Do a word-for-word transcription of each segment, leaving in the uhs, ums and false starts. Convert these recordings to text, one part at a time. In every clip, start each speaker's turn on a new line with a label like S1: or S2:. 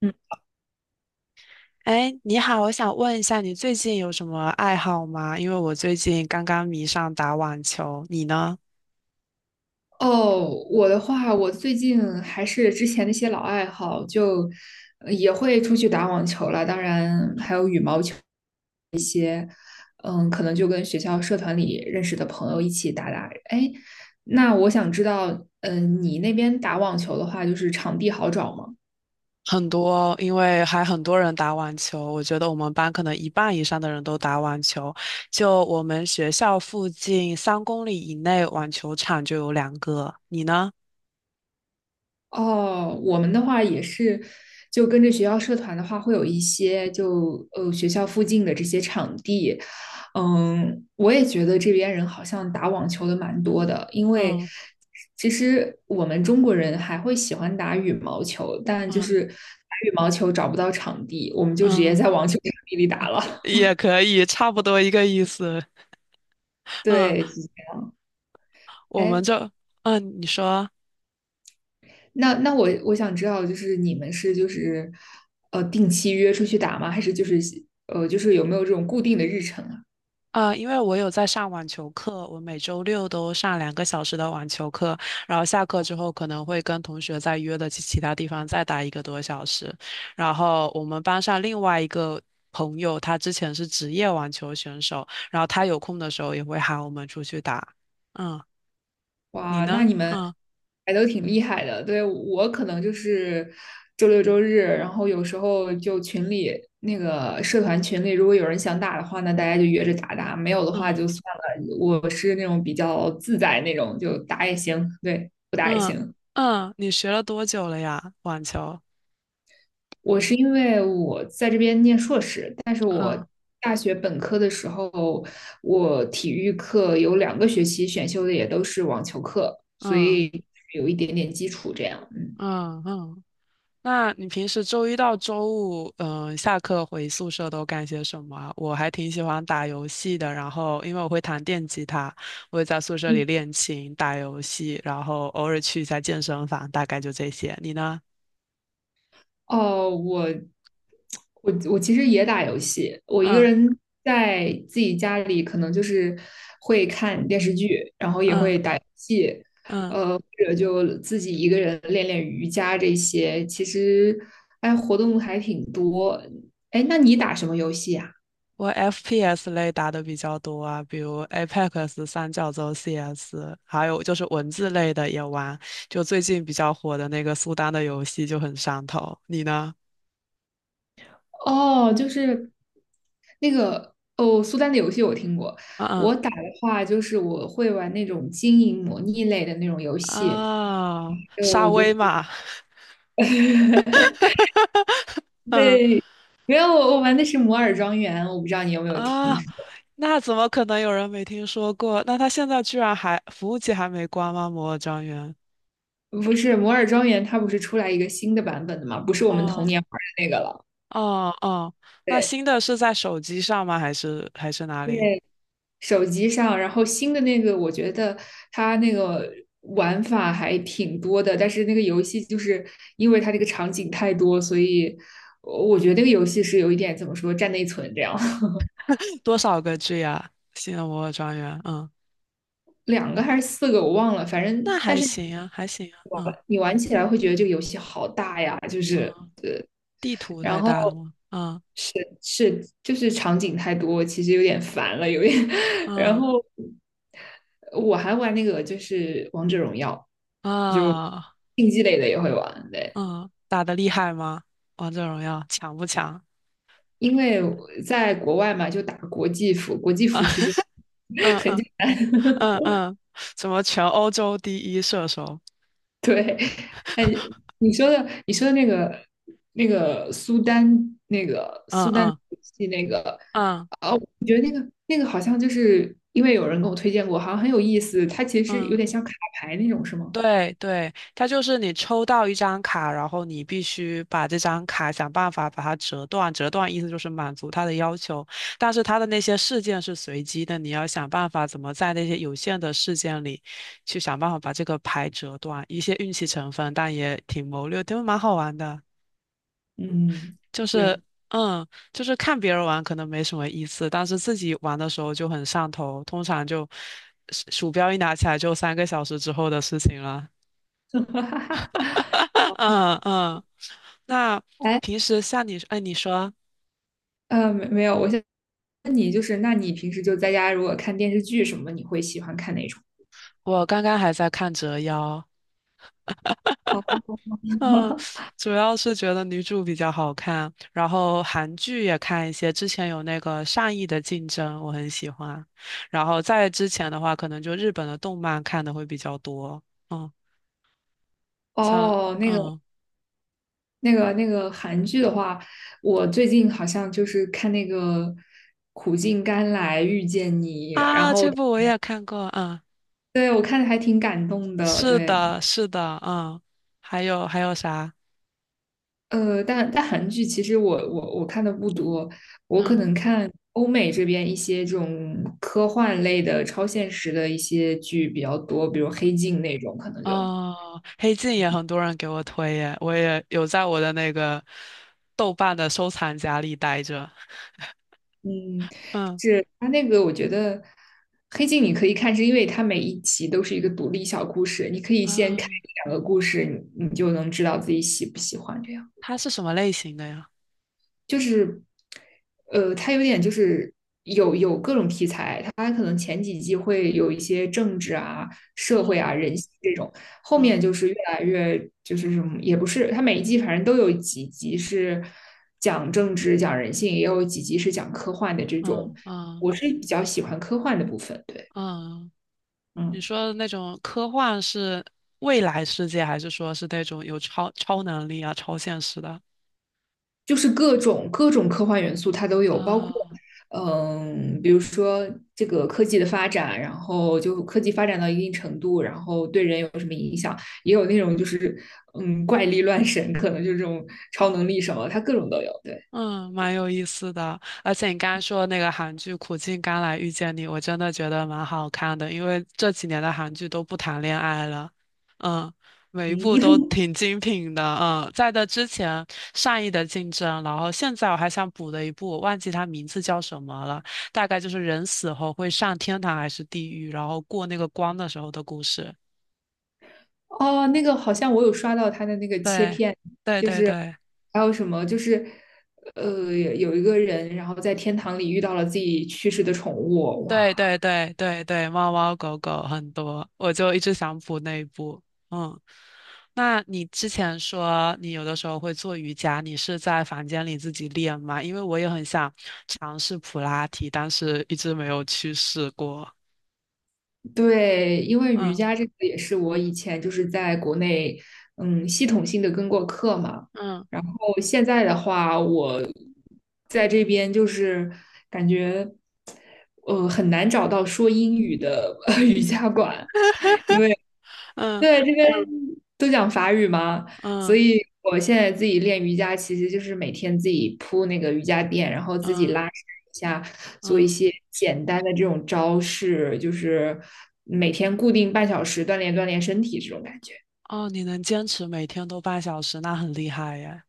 S1: 嗯
S2: 哎，你好，我想问一下，你最近有什么爱好吗？因为我最近刚刚迷上打网球，你呢？
S1: 哦，我的话，我最近还是之前那些老爱好，就呃也会出去打网球了，当然还有羽毛球。嗯，可能就跟学校社团里认识的朋友一起打打。哎，那我想知道，嗯，你那边打网球的话，就是场地好找吗？
S2: 很多，因为还很多人打网球，我觉得我们班可能一半以上的人都打网球。就我们学校附近三公里以内网球场就有两个，你呢？
S1: 哦，我们的话也是，就跟着学校社团的话，会有一些就呃学校附近的这些场地，嗯，我也觉得这边人好像打网球的蛮多的，因为
S2: 嗯
S1: 其实我们中国人还会喜欢打羽毛球，但就
S2: 嗯
S1: 是打羽毛球找不到场地，我们就直接
S2: 嗯，
S1: 在网球场地里打了。
S2: 也可以，差不多一个意思。嗯，
S1: 对，
S2: 我们
S1: 哎，
S2: 就，嗯，你说。
S1: 那那我我想知道，就是你们是就是呃定期约出去打吗？还是就是呃就是有没有这种固定的日程啊？
S2: 啊，因为我有在上网球课，我每周六都上两个小时的网球课，然后下课之后可能会跟同学再约的去其他地方再打一个多小时。然后我们班上另外一个朋友，他之前是职业网球选手，然后他有空的时候也会喊我们出去打。嗯，你
S1: 哇，那
S2: 呢？
S1: 你们
S2: 嗯
S1: 还都挺厉害的。对，我可能就是周六周日，然后有时候就群里那个社团群里，如果有人想打的话那大家就约着打打；没有的话
S2: 嗯
S1: 就算了。我是那种比较自在那种，就打也行，对，不打也
S2: 嗯
S1: 行。
S2: 嗯，你学了多久了呀？网球？
S1: 我是因为我在这边念硕士，但是我
S2: 嗯
S1: 大学本科的时候，我体育课有两个学期选修的也都是网球课，所
S2: 嗯
S1: 以有一点点基础这样。嗯
S2: 嗯嗯。那你平时周一到周五，嗯，下课回宿舍都干些什么啊。我还挺喜欢打游戏的，然后因为我会弹电吉他，我会在宿舍里
S1: 嗯。
S2: 练琴、打游戏，然后偶尔去一下健身房，大概就这些。你呢？
S1: 哦，我我我其实也打游戏，我一个
S2: 嗯
S1: 人在自己家里，可能就是会看电视剧，然后也
S2: 嗯
S1: 会打游戏，
S2: 嗯，
S1: 呃，或者就自己一个人练练瑜伽这些。其实，哎，活动还挺多。哎，那你打什么游戏啊？
S2: 我 F P S 类打的比较多啊，比如 Apex、三角洲 C S，还有就是文字类的也玩，就最近比较火的那个苏丹的游戏就很上头。你呢？
S1: 哦，就是那个哦，苏丹的游戏我听过。
S2: 嗯
S1: 我
S2: 嗯。
S1: 打的话，就是我会玩那种经营模拟类的那种游戏，
S2: 啊，
S1: 还
S2: 沙
S1: 有就
S2: 威
S1: 是
S2: 玛，嗯
S1: 对，没有，我我玩的是摩尔庄园，我不知道你有没有听
S2: 啊，
S1: 说。
S2: 那怎么可能有人没听说过？那他现在居然还服务器还没关吗？摩尔庄园？
S1: 不是摩尔庄园，它不是出来一个新的版本的吗？不是我们童
S2: 哦
S1: 年玩的那个了。
S2: 哦哦，那
S1: 对，
S2: 新的是在手机上吗？还是还是哪
S1: 因
S2: 里？
S1: 为手机上，然后新的那个，我觉得它那个玩法还挺多的，但是那个游戏就是因为它这个场景太多，所以我我觉得那个游戏是有一点怎么说占内存这样，
S2: 多少个 G 啊？新的摩尔庄园，嗯，
S1: 两个还是四个我忘了，反
S2: 那
S1: 正但
S2: 还
S1: 是
S2: 行啊，还行啊，嗯
S1: 你玩起来会觉得这个游戏好大呀，就是。
S2: 嗯，地图
S1: 然
S2: 太
S1: 后
S2: 大了吗？嗯
S1: 是是就是场景太多，其实有点烦了，有点。然
S2: 嗯
S1: 后我还玩那个就是王者荣耀，
S2: 啊
S1: 竞技类的也会玩，对，
S2: 嗯，打得厉害吗？王者荣耀强不强？
S1: 因为我在国外嘛，就打国际服，国际服其实
S2: 嗯
S1: 很
S2: 嗯。
S1: 简
S2: 嗯嗯，什么全欧洲第一射手？
S1: 对。哎，你说的你说的那个那个苏丹那个
S2: 嗯
S1: 苏丹
S2: 嗯
S1: 游戏，那个。
S2: 嗯
S1: 我觉得那个那个好像就是因为有人跟我推荐过，好像很有意思。它其实
S2: 嗯，
S1: 有点像卡牌那种，是吗？
S2: 对对，它就是你抽到一张卡，然后你必须把这张卡想办法把它折断，折断意思就是满足他的要求，但是他的那些事件是随机的，你要想办法怎么在那些有限的事件里去想办法把这个牌折断，一些运气成分，但也挺谋略，挺蛮好玩的。
S1: 嗯，
S2: 就是
S1: 是，
S2: 嗯，就是看别人玩可能没什么意思，但是自己玩的时候就很上头，通常就鼠鼠标一拿起来就三个小时之后的事情了。嗯 嗯，那
S1: 哎，
S2: 平时像你，哎，你说
S1: 呃，没没有，我想问你，就是那你平时就在家，如果看电视剧什么，你会喜欢看哪种？
S2: 我刚刚还在看《折腰》，
S1: 哦
S2: 嗯，主要是觉得女主比较好看，然后韩剧也看一些，之前有那个《善意的竞争》，我很喜欢，然后在之前的话，可能就日本的动漫看的会比较多。嗯小，
S1: 哦，那个
S2: 嗯
S1: 那个那个韩剧的话，我最近好像就是看那个《苦尽甘来遇见你》，然
S2: 啊，
S1: 后，
S2: 这部我也看过，嗯，
S1: 对，我看的还挺感动的，
S2: 是
S1: 对。
S2: 的，是的，嗯，还有还有啥？
S1: 呃，但但韩剧其实我我我看的不多，我可
S2: 嗯
S1: 能看欧美这边一些这种科幻类的、超现实的一些剧比较多，比如《黑镜》那种，可能就
S2: 哦，《黑镜》也很多人给我推耶，我也有在我的那个豆瓣的收藏夹里待着。
S1: 嗯，
S2: 嗯
S1: 是它那个我觉得《黑镜》你可以看，是因为它每一集都是一个独立小故事，你可以先
S2: 啊，
S1: 看一两个故事，你你就能知道自己喜不喜欢这样。
S2: 它是什么类型的呀？
S1: 就是，呃，它有点就是有有各种题材，它可能前几季会有一些政治啊、社会啊、
S2: 嗯
S1: 人性这种，后
S2: 嗯
S1: 面就是越来越就是什么也不是，它每一季反正都有几集是讲政治、讲人性，也有几集是讲科幻的这种。
S2: 嗯嗯
S1: 我是比较喜欢科幻的部分，对，
S2: 嗯，你
S1: 嗯。
S2: 说的那种科幻是未来世界，还是说是那种有超超能力啊、超现实的？
S1: 就是各种各种科幻元素它都有，包括
S2: 啊
S1: 嗯，比如说这个科技的发展，然后就科技发展到一定程度，然后对人有什么影响，也有那种就是嗯怪力乱神，可能就是这种超能力什么，它各种都有。对，
S2: 嗯，蛮有意思的。而且你刚刚说的那个韩剧《苦尽甘来遇见你》，我真的觉得蛮好看的，因为这几年的韩剧都不谈恋爱了，嗯，每一部都
S1: 嗯，
S2: 挺精品的。嗯，在的之前善意的竞争，然后现在我还想补的一部，我忘记它名字叫什么了，大概就是人死后会上天堂还是地狱，然后过那个光的时候的故事。
S1: 哦，那个好像我有刷到它的那个切
S2: 对，
S1: 片，
S2: 对
S1: 就
S2: 对
S1: 是
S2: 对。
S1: 还有什么就是。呃，有一个人，然后在天堂里遇到了自己去世的宠物，
S2: 对
S1: 哇，
S2: 对对对对，猫猫狗狗很多，我就一直想补那一步。嗯，那你之前说你有的时候会做瑜伽，你是在房间里自己练吗？因为我也很想尝试普拉提，但是一直没有去试过。
S1: 对。因为瑜
S2: 嗯
S1: 伽这个也是我以前就是在国内，嗯，系统性的跟过课嘛。
S2: 嗯
S1: 然后现在的话，我在这边就是感觉，呃，很难找到说英语的 呃瑜伽馆，因为。
S2: 嗯
S1: 对，这边都讲法语嘛，所
S2: 嗯
S1: 以我现在自己练瑜伽，其实就是每天自己铺那个瑜伽垫，然后自己拉
S2: 嗯
S1: 伸一下，做一
S2: 嗯，
S1: 些简单的这种招式，就是每天固定半小时锻炼锻炼身体这种感觉。
S2: 哦，你能坚持每天都半小时，那很厉害耶。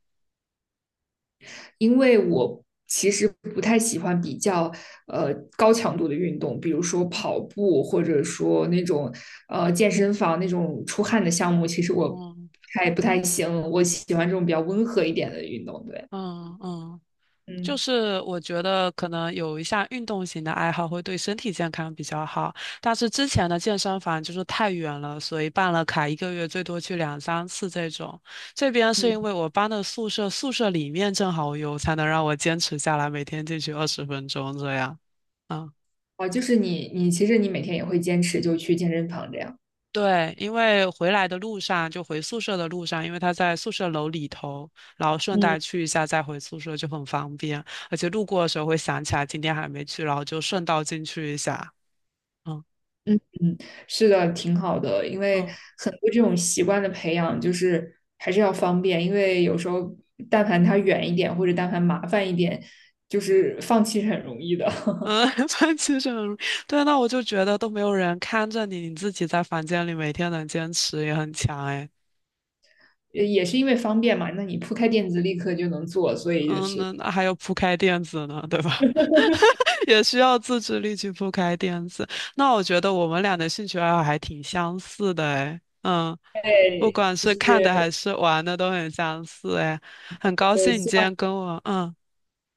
S1: 因为我其实不太喜欢比较呃高强度的运动，比如说跑步或者说那种呃健身房那种出汗的项目，其实我
S2: 嗯
S1: 还不太行。我喜欢这种比较温和一点的运动。对，
S2: 嗯嗯。就
S1: 嗯
S2: 是我觉得可能有一项运动型的爱好会对身体健康比较好，但是之前的健身房就是太远了，所以办了卡一个月最多去两三次这种。这边是
S1: 嗯，
S2: 因为我搬的宿舍，宿舍里面正好有，才能让我坚持下来，每天进去二十分钟这样。啊。
S1: 哦，就是你你其实你每天也会坚持就去健身房这样。
S2: 对，因为回来的路上，就回宿舍的路上，因为他在宿舍楼里头，然后顺带
S1: 嗯。
S2: 去一下再回宿舍就很方便，而且路过的时候会想起来今天还没去，然后就顺道进去一下。嗯
S1: 嗯嗯，是的，挺好的，因为
S2: 嗯
S1: 很多这种习惯的培养，就是还是要方便，因为有时候但凡它远一点，或者但凡麻烦一点，就是放弃是很容易的，
S2: 嗯，反正其对，那我就觉得都没有人看着你，你自己在房间里每天能坚持也很强哎。
S1: 也也是因为方便嘛。那你铺开垫子立刻就能做，所以就
S2: 嗯，
S1: 是，
S2: 那那还有铺开垫子呢，对吧？也需要自制力去铺开垫子。那我觉得我们俩的兴趣爱好还挺相似的，哎。嗯，不
S1: 对，
S2: 管
S1: 就
S2: 是
S1: 是
S2: 看的还是玩的都很相似，哎。很高
S1: 呃，
S2: 兴你
S1: 希
S2: 今
S1: 望，
S2: 天跟我，嗯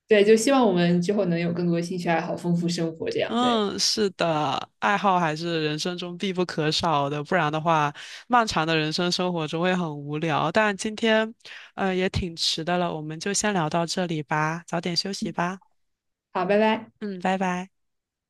S1: 对，就希望我们之后能有更多兴趣爱好，丰富生活这样。对，
S2: 嗯，是的，爱好还是人生中必不可少的，不然的话，漫长的人生生活中会很无聊。但今天，呃，也挺迟的了，我们就先聊到这里吧，早点休息吧，
S1: 好，拜拜。
S2: 嗯，拜拜。